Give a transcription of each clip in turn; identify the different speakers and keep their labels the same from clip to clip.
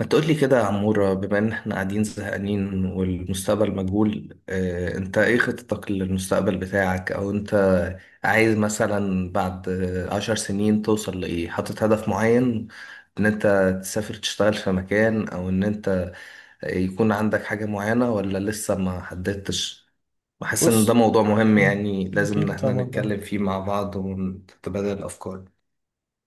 Speaker 1: ما تقول لي كده يا عمورة، بما ان احنا قاعدين زهقانين والمستقبل مجهول. اه انت ايه خطتك للمستقبل بتاعك، او انت عايز مثلا بعد عشر سنين توصل لايه؟ حاطط هدف معين ان انت تسافر تشتغل في مكان، او ان انت يكون عندك حاجة معينة، ولا لسه ما حددتش؟ بحس ان ده
Speaker 2: بص.
Speaker 1: موضوع مهم،
Speaker 2: مم.
Speaker 1: يعني لازم ان
Speaker 2: أكيد
Speaker 1: احنا
Speaker 2: طبعا أه.
Speaker 1: نتكلم فيه مع بعض ونتبادل الافكار.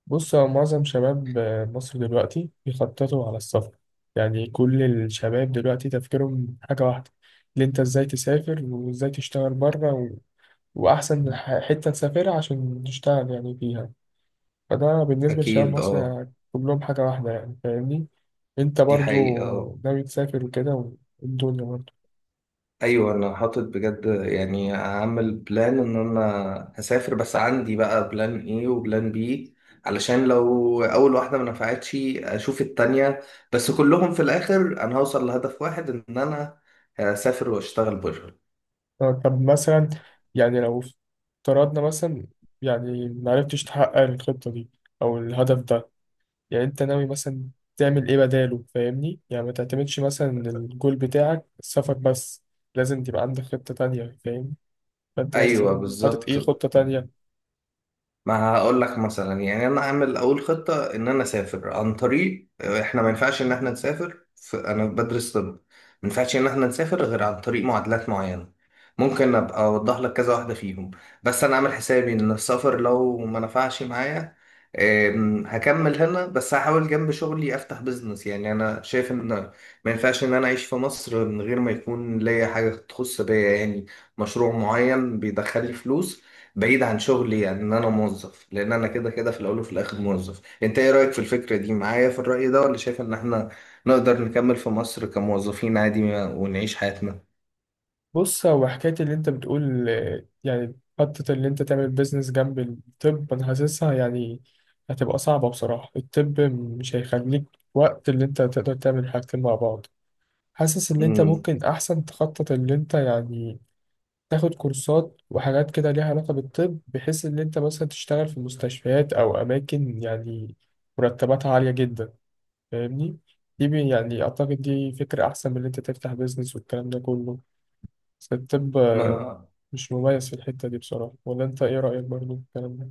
Speaker 2: بص، هو معظم شباب مصر دلوقتي بيخططوا على السفر. يعني كل الشباب دلوقتي تفكيرهم حاجة واحدة، اللي أنت إزاي تسافر وإزاي تشتغل بره وأحسن حتة تسافرها عشان تشتغل يعني فيها. فده بالنسبة لشباب
Speaker 1: اكيد
Speaker 2: مصر
Speaker 1: اه.
Speaker 2: يعني كلهم حاجة واحدة، يعني فاهمني؟ أنت
Speaker 1: دي
Speaker 2: برضو
Speaker 1: حقيقة آه.
Speaker 2: ناوي تسافر وكده والدنيا برضو.
Speaker 1: ايوه، انا حاطط بجد، يعني هعمل بلان ان انا هسافر، بس عندي بقى بلان ايه وبلان بي، علشان لو اول واحده ما نفعتش اشوف التانية، بس كلهم في الاخر انا هوصل لهدف واحد ان انا هسافر واشتغل بره.
Speaker 2: طب مثلا، يعني لو افترضنا مثلا، يعني معرفتش تحقق الخطة دي أو الهدف ده، يعني أنت ناوي مثلا تعمل إيه بداله فاهمني؟ يعني ما تعتمدش مثلا إن الجول بتاعك السفر بس، لازم تبقى عندك خطة تانية فاهم؟ فأنت
Speaker 1: ايوه
Speaker 2: مثلا حاطط
Speaker 1: بالظبط،
Speaker 2: إيه خطة تانية؟
Speaker 1: ما هقول لك مثلا، يعني انا اعمل اول خطه ان انا اسافر عن طريق احنا ما ينفعش ان احنا نسافر في، انا بدرس طب، ما ينفعش ان احنا نسافر غير عن طريق معادلات معينه. ممكن ابقى اوضح لك كذا واحده فيهم. بس انا عامل حسابي ان السفر لو ما نفعش معايا، هكمل هنا، بس هحاول جنب شغلي افتح بيزنس. يعني انا شايف ان ما ينفعش ان انا اعيش في مصر من غير ما يكون ليا حاجه تخص بيا، يعني مشروع معين بيدخل لي فلوس بعيد عن شغلي، يعني ان انا موظف، لان انا كده كده في الاول وفي الاخر موظف. انت ايه رايك في الفكره دي معايا، في الراي ده، ولا شايف ان احنا نقدر نكمل في مصر كموظفين عادي ونعيش حياتنا؟
Speaker 2: بص، هو حكاية اللي أنت بتقول يعني خطة اللي أنت تعمل بيزنس جنب الطب، أنا حاسسها يعني هتبقى صعبة بصراحة. الطب مش هيخليك وقت اللي أنت تقدر تعمل حاجتين مع بعض. حاسس ان انت
Speaker 1: امم،
Speaker 2: ممكن احسن تخطط اللي انت يعني تاخد كورسات وحاجات كده ليها علاقة بالطب، بحيث ان انت مثلا تشتغل في مستشفيات او اماكن يعني مرتباتها عالية جدا، فاهمني؟ دي يعني اعتقد دي فكرة احسن من ان انت تفتح بيزنس والكلام ده كله. بس الطب
Speaker 1: ما
Speaker 2: مش مميز في الحتة دي بصراحة، ولا انت ايه رأيك برضو في الكلام ده؟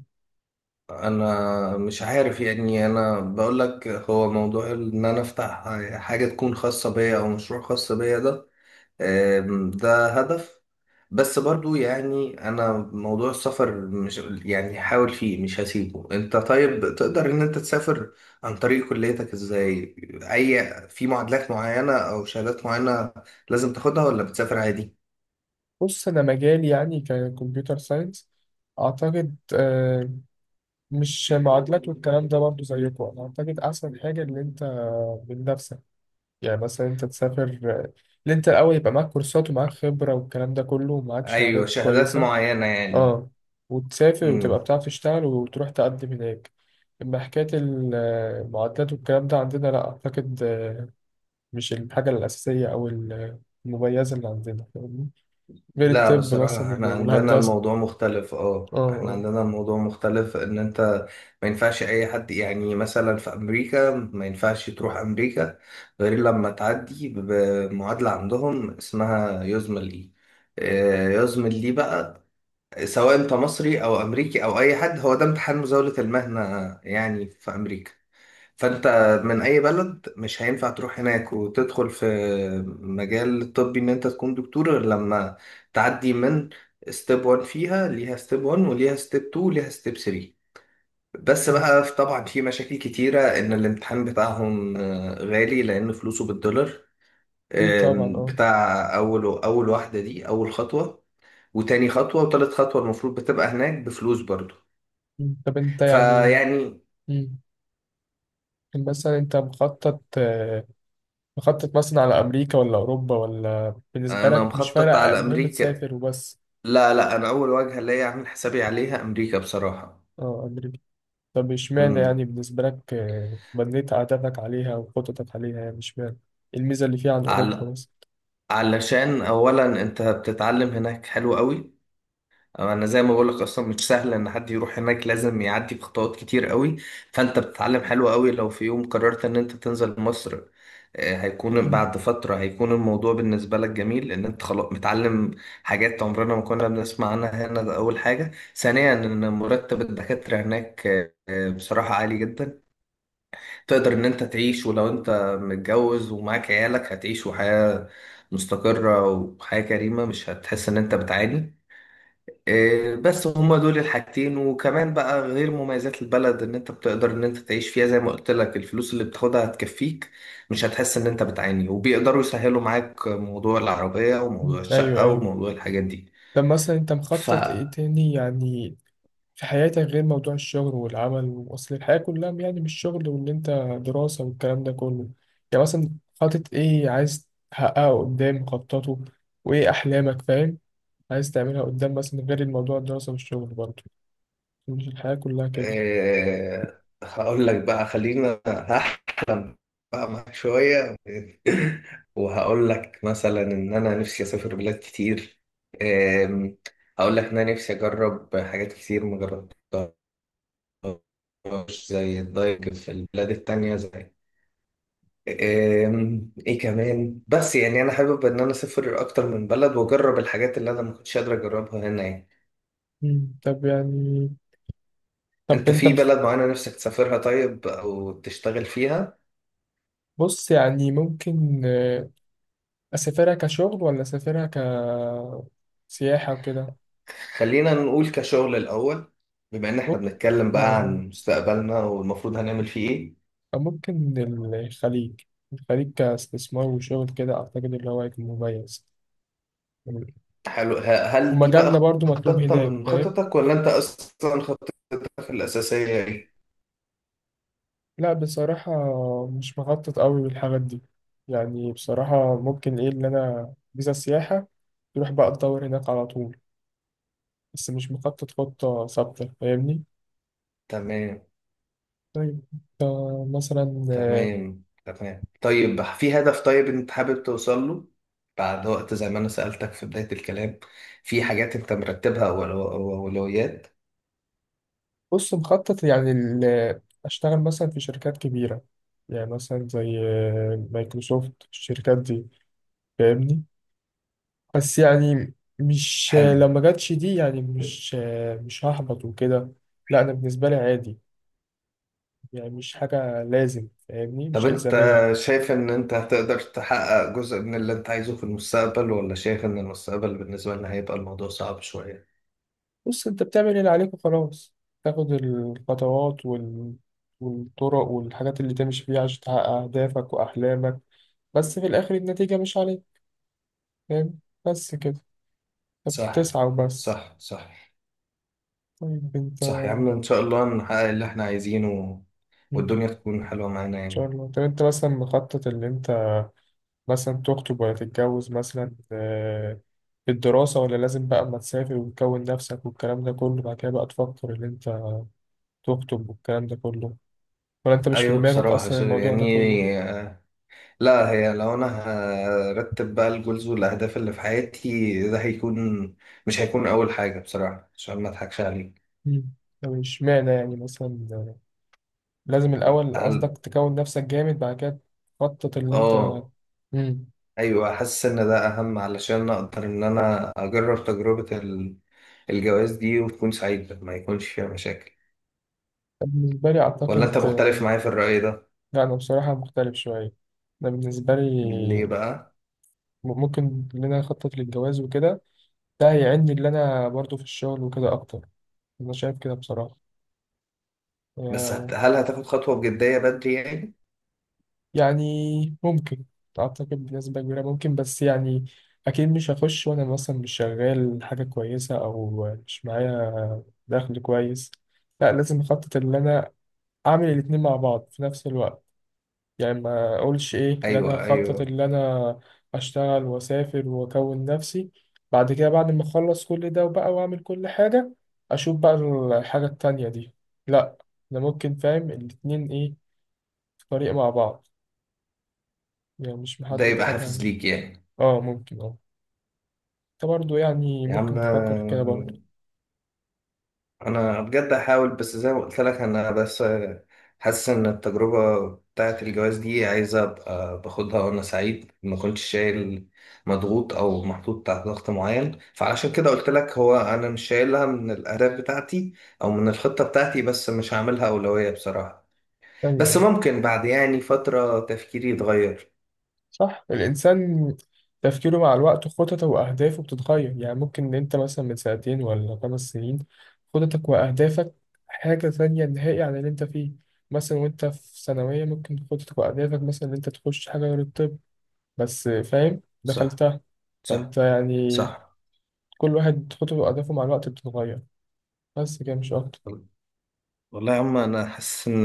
Speaker 1: انا مش عارف، يعني انا بقول لك هو موضوع ان انا افتح حاجه تكون خاصه بيا او مشروع خاص بيا ده، ده هدف. بس برضو يعني انا موضوع السفر مش، يعني هحاول فيه مش هسيبه. انت طيب تقدر ان انت تسافر عن طريق كليتك ازاي؟ اي في معادلات معينة او شهادات معينة لازم تاخدها، ولا بتسافر عادي؟
Speaker 2: بص، انا مجالي يعني ككمبيوتر ساينس، اعتقد مش معادلات والكلام ده برضه زيكم. انا اعتقد احسن حاجه ان انت من نفسك، يعني مثلا انت تسافر اللي انت الاول يبقى معاك كورسات ومعاك خبره والكلام ده كله ومعاك
Speaker 1: ايوه،
Speaker 2: شهادات
Speaker 1: شهادات
Speaker 2: كويسه.
Speaker 1: معينة يعني.
Speaker 2: اه، وتسافر وتبقى بتعرف تشتغل وتروح تقدم هناك. اما حكايه المعادلات والكلام ده عندنا لا اعتقد مش الحاجه الاساسيه او المميزه اللي عندنا فاهمني؟ غير
Speaker 1: لا
Speaker 2: الطب
Speaker 1: بصراحة
Speaker 2: مثلا
Speaker 1: احنا عندنا
Speaker 2: والهندسه.
Speaker 1: الموضوع مختلف، اه احنا
Speaker 2: اه.
Speaker 1: عندنا الموضوع مختلف ان انت ما ينفعش اي حد، يعني مثلا في امريكا ما ينفعش تروح امريكا غير لما تعدي بمعادلة عندهم اسمها يزمل اي، يزمل لي بقى، سواء انت مصري او امريكي او اي حد. هو ده امتحان مزاولة المهنة يعني في امريكا. فانت من اي بلد مش هينفع تروح هناك وتدخل في مجال الطبي ان انت تكون دكتور غير لما تعدي من ستيب 1. فيها ليها ستيب 1 وليها ستيب 2 وليها ستيب 3. بس
Speaker 2: اه،
Speaker 1: بقى طبعا في مشاكل كتيرة، ان الامتحان بتاعهم غالي لان فلوسه بالدولار.
Speaker 2: اكيد طبعا اه.
Speaker 1: بتاع اول واحدة دي اول خطوة، وتاني خطوة وتالت خطوة المفروض بتبقى هناك بفلوس برضو.
Speaker 2: طب انت يعني،
Speaker 1: فيعني
Speaker 2: مم. مثلا انت مخطط مخطط مثلا على امريكا ولا اوروبا، ولا بالنسبه
Speaker 1: انا
Speaker 2: لك مش
Speaker 1: مخطط
Speaker 2: فارق
Speaker 1: على
Speaker 2: المهم
Speaker 1: امريكا.
Speaker 2: تسافر وبس؟
Speaker 1: لا لا، انا اول وجهه ليا اعمل حسابي عليها امريكا بصراحه.
Speaker 2: اه، امريكا. طب اشمعنى
Speaker 1: امم،
Speaker 2: يعني بالنسبه لك بنيت عاداتك عليها وخططك عليها، يعني اشمعنى إيه الميزه اللي فيها عن
Speaker 1: عل...
Speaker 2: اوروبا مثلا؟
Speaker 1: علشان اولا انت بتتعلم هناك حلو قوي. انا زي ما بقولك اصلا مش سهل ان حد يروح هناك، لازم يعدي بخطوات كتير قوي. فانت بتتعلم حلو قوي. لو في يوم قررت ان انت تنزل مصر، هيكون
Speaker 2: مم.
Speaker 1: بعد فترة هيكون الموضوع بالنسبة لك جميل ان انت خلاص متعلم حاجات عمرنا ما كنا بنسمع عنها هنا. ده اول حاجة. ثانيا ان مرتب الدكاترة هناك بصراحة عالي جدا. تقدر ان انت تعيش، ولو انت متجوز ومعاك عيالك هتعيش وحياة مستقرة وحياة كريمة، مش هتحس ان انت بتعاني. بس هما دول الحاجتين. وكمان بقى غير مميزات البلد ان انت بتقدر ان انت تعيش فيها، زي ما قلت لك الفلوس اللي بتاخدها هتكفيك، مش هتحس ان انت بتعاني، وبيقدروا يسهلوا معاك موضوع العربية
Speaker 2: مم،
Speaker 1: وموضوع
Speaker 2: ايوه
Speaker 1: الشقة
Speaker 2: ايوه.
Speaker 1: وموضوع الحاجات دي.
Speaker 2: طب مثلا انت
Speaker 1: ف
Speaker 2: مخطط ايه تاني يعني في حياتك غير موضوع الشغل والعمل؟ وأصل الحياة كلها يعني مش شغل وإن أنت دراسة والكلام ده كله. يعني مثلا حاطط إيه عايز تحققه قدام، مخططه وإيه أحلامك فاهم، عايز تعملها قدام مثلا غير الموضوع الدراسة والشغل برضه؟ مش الحياة كلها كده.
Speaker 1: هقول لك بقى، خلينا هحلم بقى معاك شوية، وهقول لك مثلا ان انا نفسي اسافر بلاد كتير. أم، هقول لك ان انا نفسي اجرب حاجات كتير ما جربتهاش، زي الدايفنج في البلاد التانية، زي ايه كمان، بس يعني انا حابب ان انا اسافر اكتر من بلد واجرب الحاجات اللي انا ما كنتش قادر اجربها هنا يعني.
Speaker 2: مم. طب يعني، طب
Speaker 1: انت في بلد معينة نفسك تسافرها طيب، او تشتغل فيها؟
Speaker 2: بص يعني ممكن أسافرها كشغل ولا أسافرها كسياحة وكده؟
Speaker 1: خلينا نقول كشغل الاول، بما ان احنا
Speaker 2: ممكن،
Speaker 1: بنتكلم
Speaker 2: آه
Speaker 1: بقى
Speaker 2: آه
Speaker 1: عن مستقبلنا والمفروض هنعمل فيه ايه.
Speaker 2: ممكن الخليج. الخليج كاستثمار وشغل كده أعتقد اللي هو هيكون مميز،
Speaker 1: حلو، هل دي
Speaker 2: ومجالنا
Speaker 1: بقى
Speaker 2: برضو مطلوب
Speaker 1: خطة
Speaker 2: هناك
Speaker 1: من
Speaker 2: فاهم.
Speaker 1: خططك، ولا انت اصلا خطتك الاساسية ايه؟
Speaker 2: لا بصراحة مش مخطط قوي بالحاجات دي. يعني بصراحة ممكن إيه اللي أنا فيزا سياحة، تروح بقى تدور هناك على طول، بس مش مخطط خطة ثابتة فاهمني.
Speaker 1: تمام
Speaker 2: طيب، مثلا،
Speaker 1: تمام. طيب في هدف، طيب انت حابب توصل له بعد وقت، زي ما انا سألتك في بداية الكلام؟ في حاجات انت مرتبها واولويات؟
Speaker 2: بص مخطط يعني أشتغل مثلا في شركات كبيرة، يعني مثلا زي مايكروسوفت، الشركات دي فاهمني. بس يعني مش لو
Speaker 1: حلو.
Speaker 2: ما جاتش دي، يعني مش هحبط وكده. لا انا بالنسبه لي عادي، يعني مش حاجه لازم فاهمني،
Speaker 1: طب
Speaker 2: مش
Speaker 1: انت
Speaker 2: الزاميه.
Speaker 1: شايف ان انت هتقدر تحقق جزء من اللي انت عايزه في المستقبل، ولا شايف ان المستقبل بالنسبة لنا هيبقى الموضوع صعب شوية؟
Speaker 2: بص، انت بتعمل اللي عليك وخلاص. تاخد الخطوات والطرق والحاجات اللي تمشي فيها عشان تحقق اهدافك واحلامك، بس في الاخر النتيجه مش عليك فاهم؟ بس كده، انت
Speaker 1: صح
Speaker 2: بتسعى وبس.
Speaker 1: صح.
Speaker 2: طيب انت،
Speaker 1: صح يا عم، ان شاء الله نحقق اللي احنا عايزينه
Speaker 2: ان
Speaker 1: والدنيا تكون حلوة معانا
Speaker 2: شاء
Speaker 1: يعني.
Speaker 2: الله. طب انت مثلا مخطط اللي انت مثلا تخطب ولا تتجوز مثلا، الدراسة ولا لازم بقى أما تسافر وتكون نفسك والكلام ده كله بعد كده بقى تفكر إن أنت تخطب والكلام ده كله، ولا أنت مش في
Speaker 1: أيوة
Speaker 2: دماغك
Speaker 1: بصراحة،
Speaker 2: أصلا الموضوع ده
Speaker 1: يعني،
Speaker 2: كله؟
Speaker 1: آه، لا، هي لو أنا هرتب بقى الجولز والأهداف اللي في حياتي، ده هيكون، مش هيكون أول حاجة بصراحة عشان ما أضحكش عليك.
Speaker 2: مم. طب اشمعنى يعني مثلا لازم الأول
Speaker 1: هل
Speaker 2: قصدك تكون نفسك جامد بعد كده تخطط اللي أنت؟
Speaker 1: آه،
Speaker 2: مم.
Speaker 1: أيوة، حاسس إن ده أهم علشان أقدر إن أنا أجرب تجربة الجواز دي وتكون سعيدة ما يكونش فيها مشاكل.
Speaker 2: بالنسبة لي
Speaker 1: ولا أنت
Speaker 2: أعتقد
Speaker 1: مختلف معايا في الرأي ده؟
Speaker 2: لا أنا بصراحة مختلف شوية. أنا بالنسبة
Speaker 1: ليه
Speaker 2: لي
Speaker 1: بقى؟
Speaker 2: ممكن إن أنا أخطط للجواز وكده، ده هيعني اللي أنا برضو في الشغل وكده أكتر. أنا شايف كده بصراحة.
Speaker 1: بس
Speaker 2: يا-
Speaker 1: هل هتاخد خطوة بجدية بدري يعني؟
Speaker 2: يعني ممكن، أعتقد بنسبة كبيرة ممكن، بس يعني أكيد مش هخش وأنا مثلا مش شغال حاجة كويسة أو مش معايا دخل كويس. لا، لازم أخطط إن أنا أعمل الاتنين مع بعض في نفس الوقت. يعني ما أقولش إيه إن أنا
Speaker 1: أيوة
Speaker 2: أخطط
Speaker 1: أيوة،
Speaker 2: إن أنا أشتغل وأسافر وأكون نفسي، بعد كده بعد ما أخلص كل ده وبقى وأعمل كل حاجة أشوف بقى الحاجة التانية دي. لا، أنا ممكن فاهم الاتنين إيه، طريق مع بعض. يعني مش
Speaker 1: ده
Speaker 2: محدد
Speaker 1: يبقى
Speaker 2: حاجة
Speaker 1: حافز
Speaker 2: يعني.
Speaker 1: ليك يعني.
Speaker 2: اه ممكن اه. انت برضه يعني
Speaker 1: يا عم
Speaker 2: ممكن تفكر في كده برضه.
Speaker 1: انا بجد هحاول، بس زي ما قلت لك انا بس حاسس ان التجربه بتاعه الجواز دي عايزه ابقى باخدها وانا سعيد، ما كنتش شايل مضغوط او محطوط تحت ضغط معين. فعلشان كده قلت لك، هو انا مش شايلها من الاهداف بتاعتي او من الخطه بتاعتي، بس مش هعملها اولويه بصراحه. بس
Speaker 2: ايوه،
Speaker 1: ممكن بعد يعني فتره تفكيري يتغير.
Speaker 2: صح. الانسان تفكيره مع الوقت خططه واهدافه بتتغير، يعني ممكن ان انت مثلا من سنتين ولا 5 سنين خططك واهدافك حاجة تانية نهائي عن اللي انت فيه. مثلا وانت في ثانوية ممكن خططك واهدافك مثلا ان انت تخش حاجة غير الطب، بس فاهم
Speaker 1: صح
Speaker 2: دخلتها.
Speaker 1: صح
Speaker 2: فانت يعني
Speaker 1: صح.
Speaker 2: كل واحد خططه واهدافه مع الوقت بتتغير، بس كده مش اكتر.
Speaker 1: والله يا عم، انا حاسس ان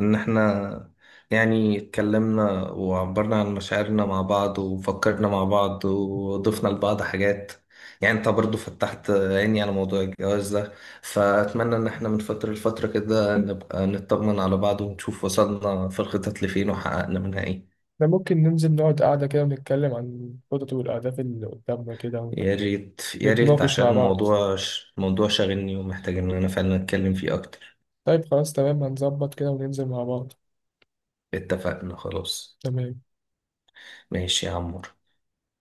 Speaker 1: احنا يعني اتكلمنا وعبرنا عن مشاعرنا مع بعض وفكرنا مع بعض وضفنا لبعض حاجات. يعني انت برضو فتحت عيني على موضوع الجواز ده. فاتمنى ان احنا من فترة لفترة كده نبقى نطمن على بعض ونشوف وصلنا في الخطط لفين وحققنا منها ايه.
Speaker 2: ده ممكن ننزل نقعد قعدة كده ونتكلم عن الخطط والأهداف اللي قدامنا كده
Speaker 1: يا ريت يا ريت،
Speaker 2: ونتناقش
Speaker 1: عشان
Speaker 2: مع بعض.
Speaker 1: الموضوع الموضوع شاغلني ومحتاج ان انا فعلا اتكلم فيه اكتر.
Speaker 2: طيب خلاص تمام، هنظبط كده وننزل مع بعض.
Speaker 1: اتفقنا خلاص.
Speaker 2: تمام.
Speaker 1: ماشي يا عمور.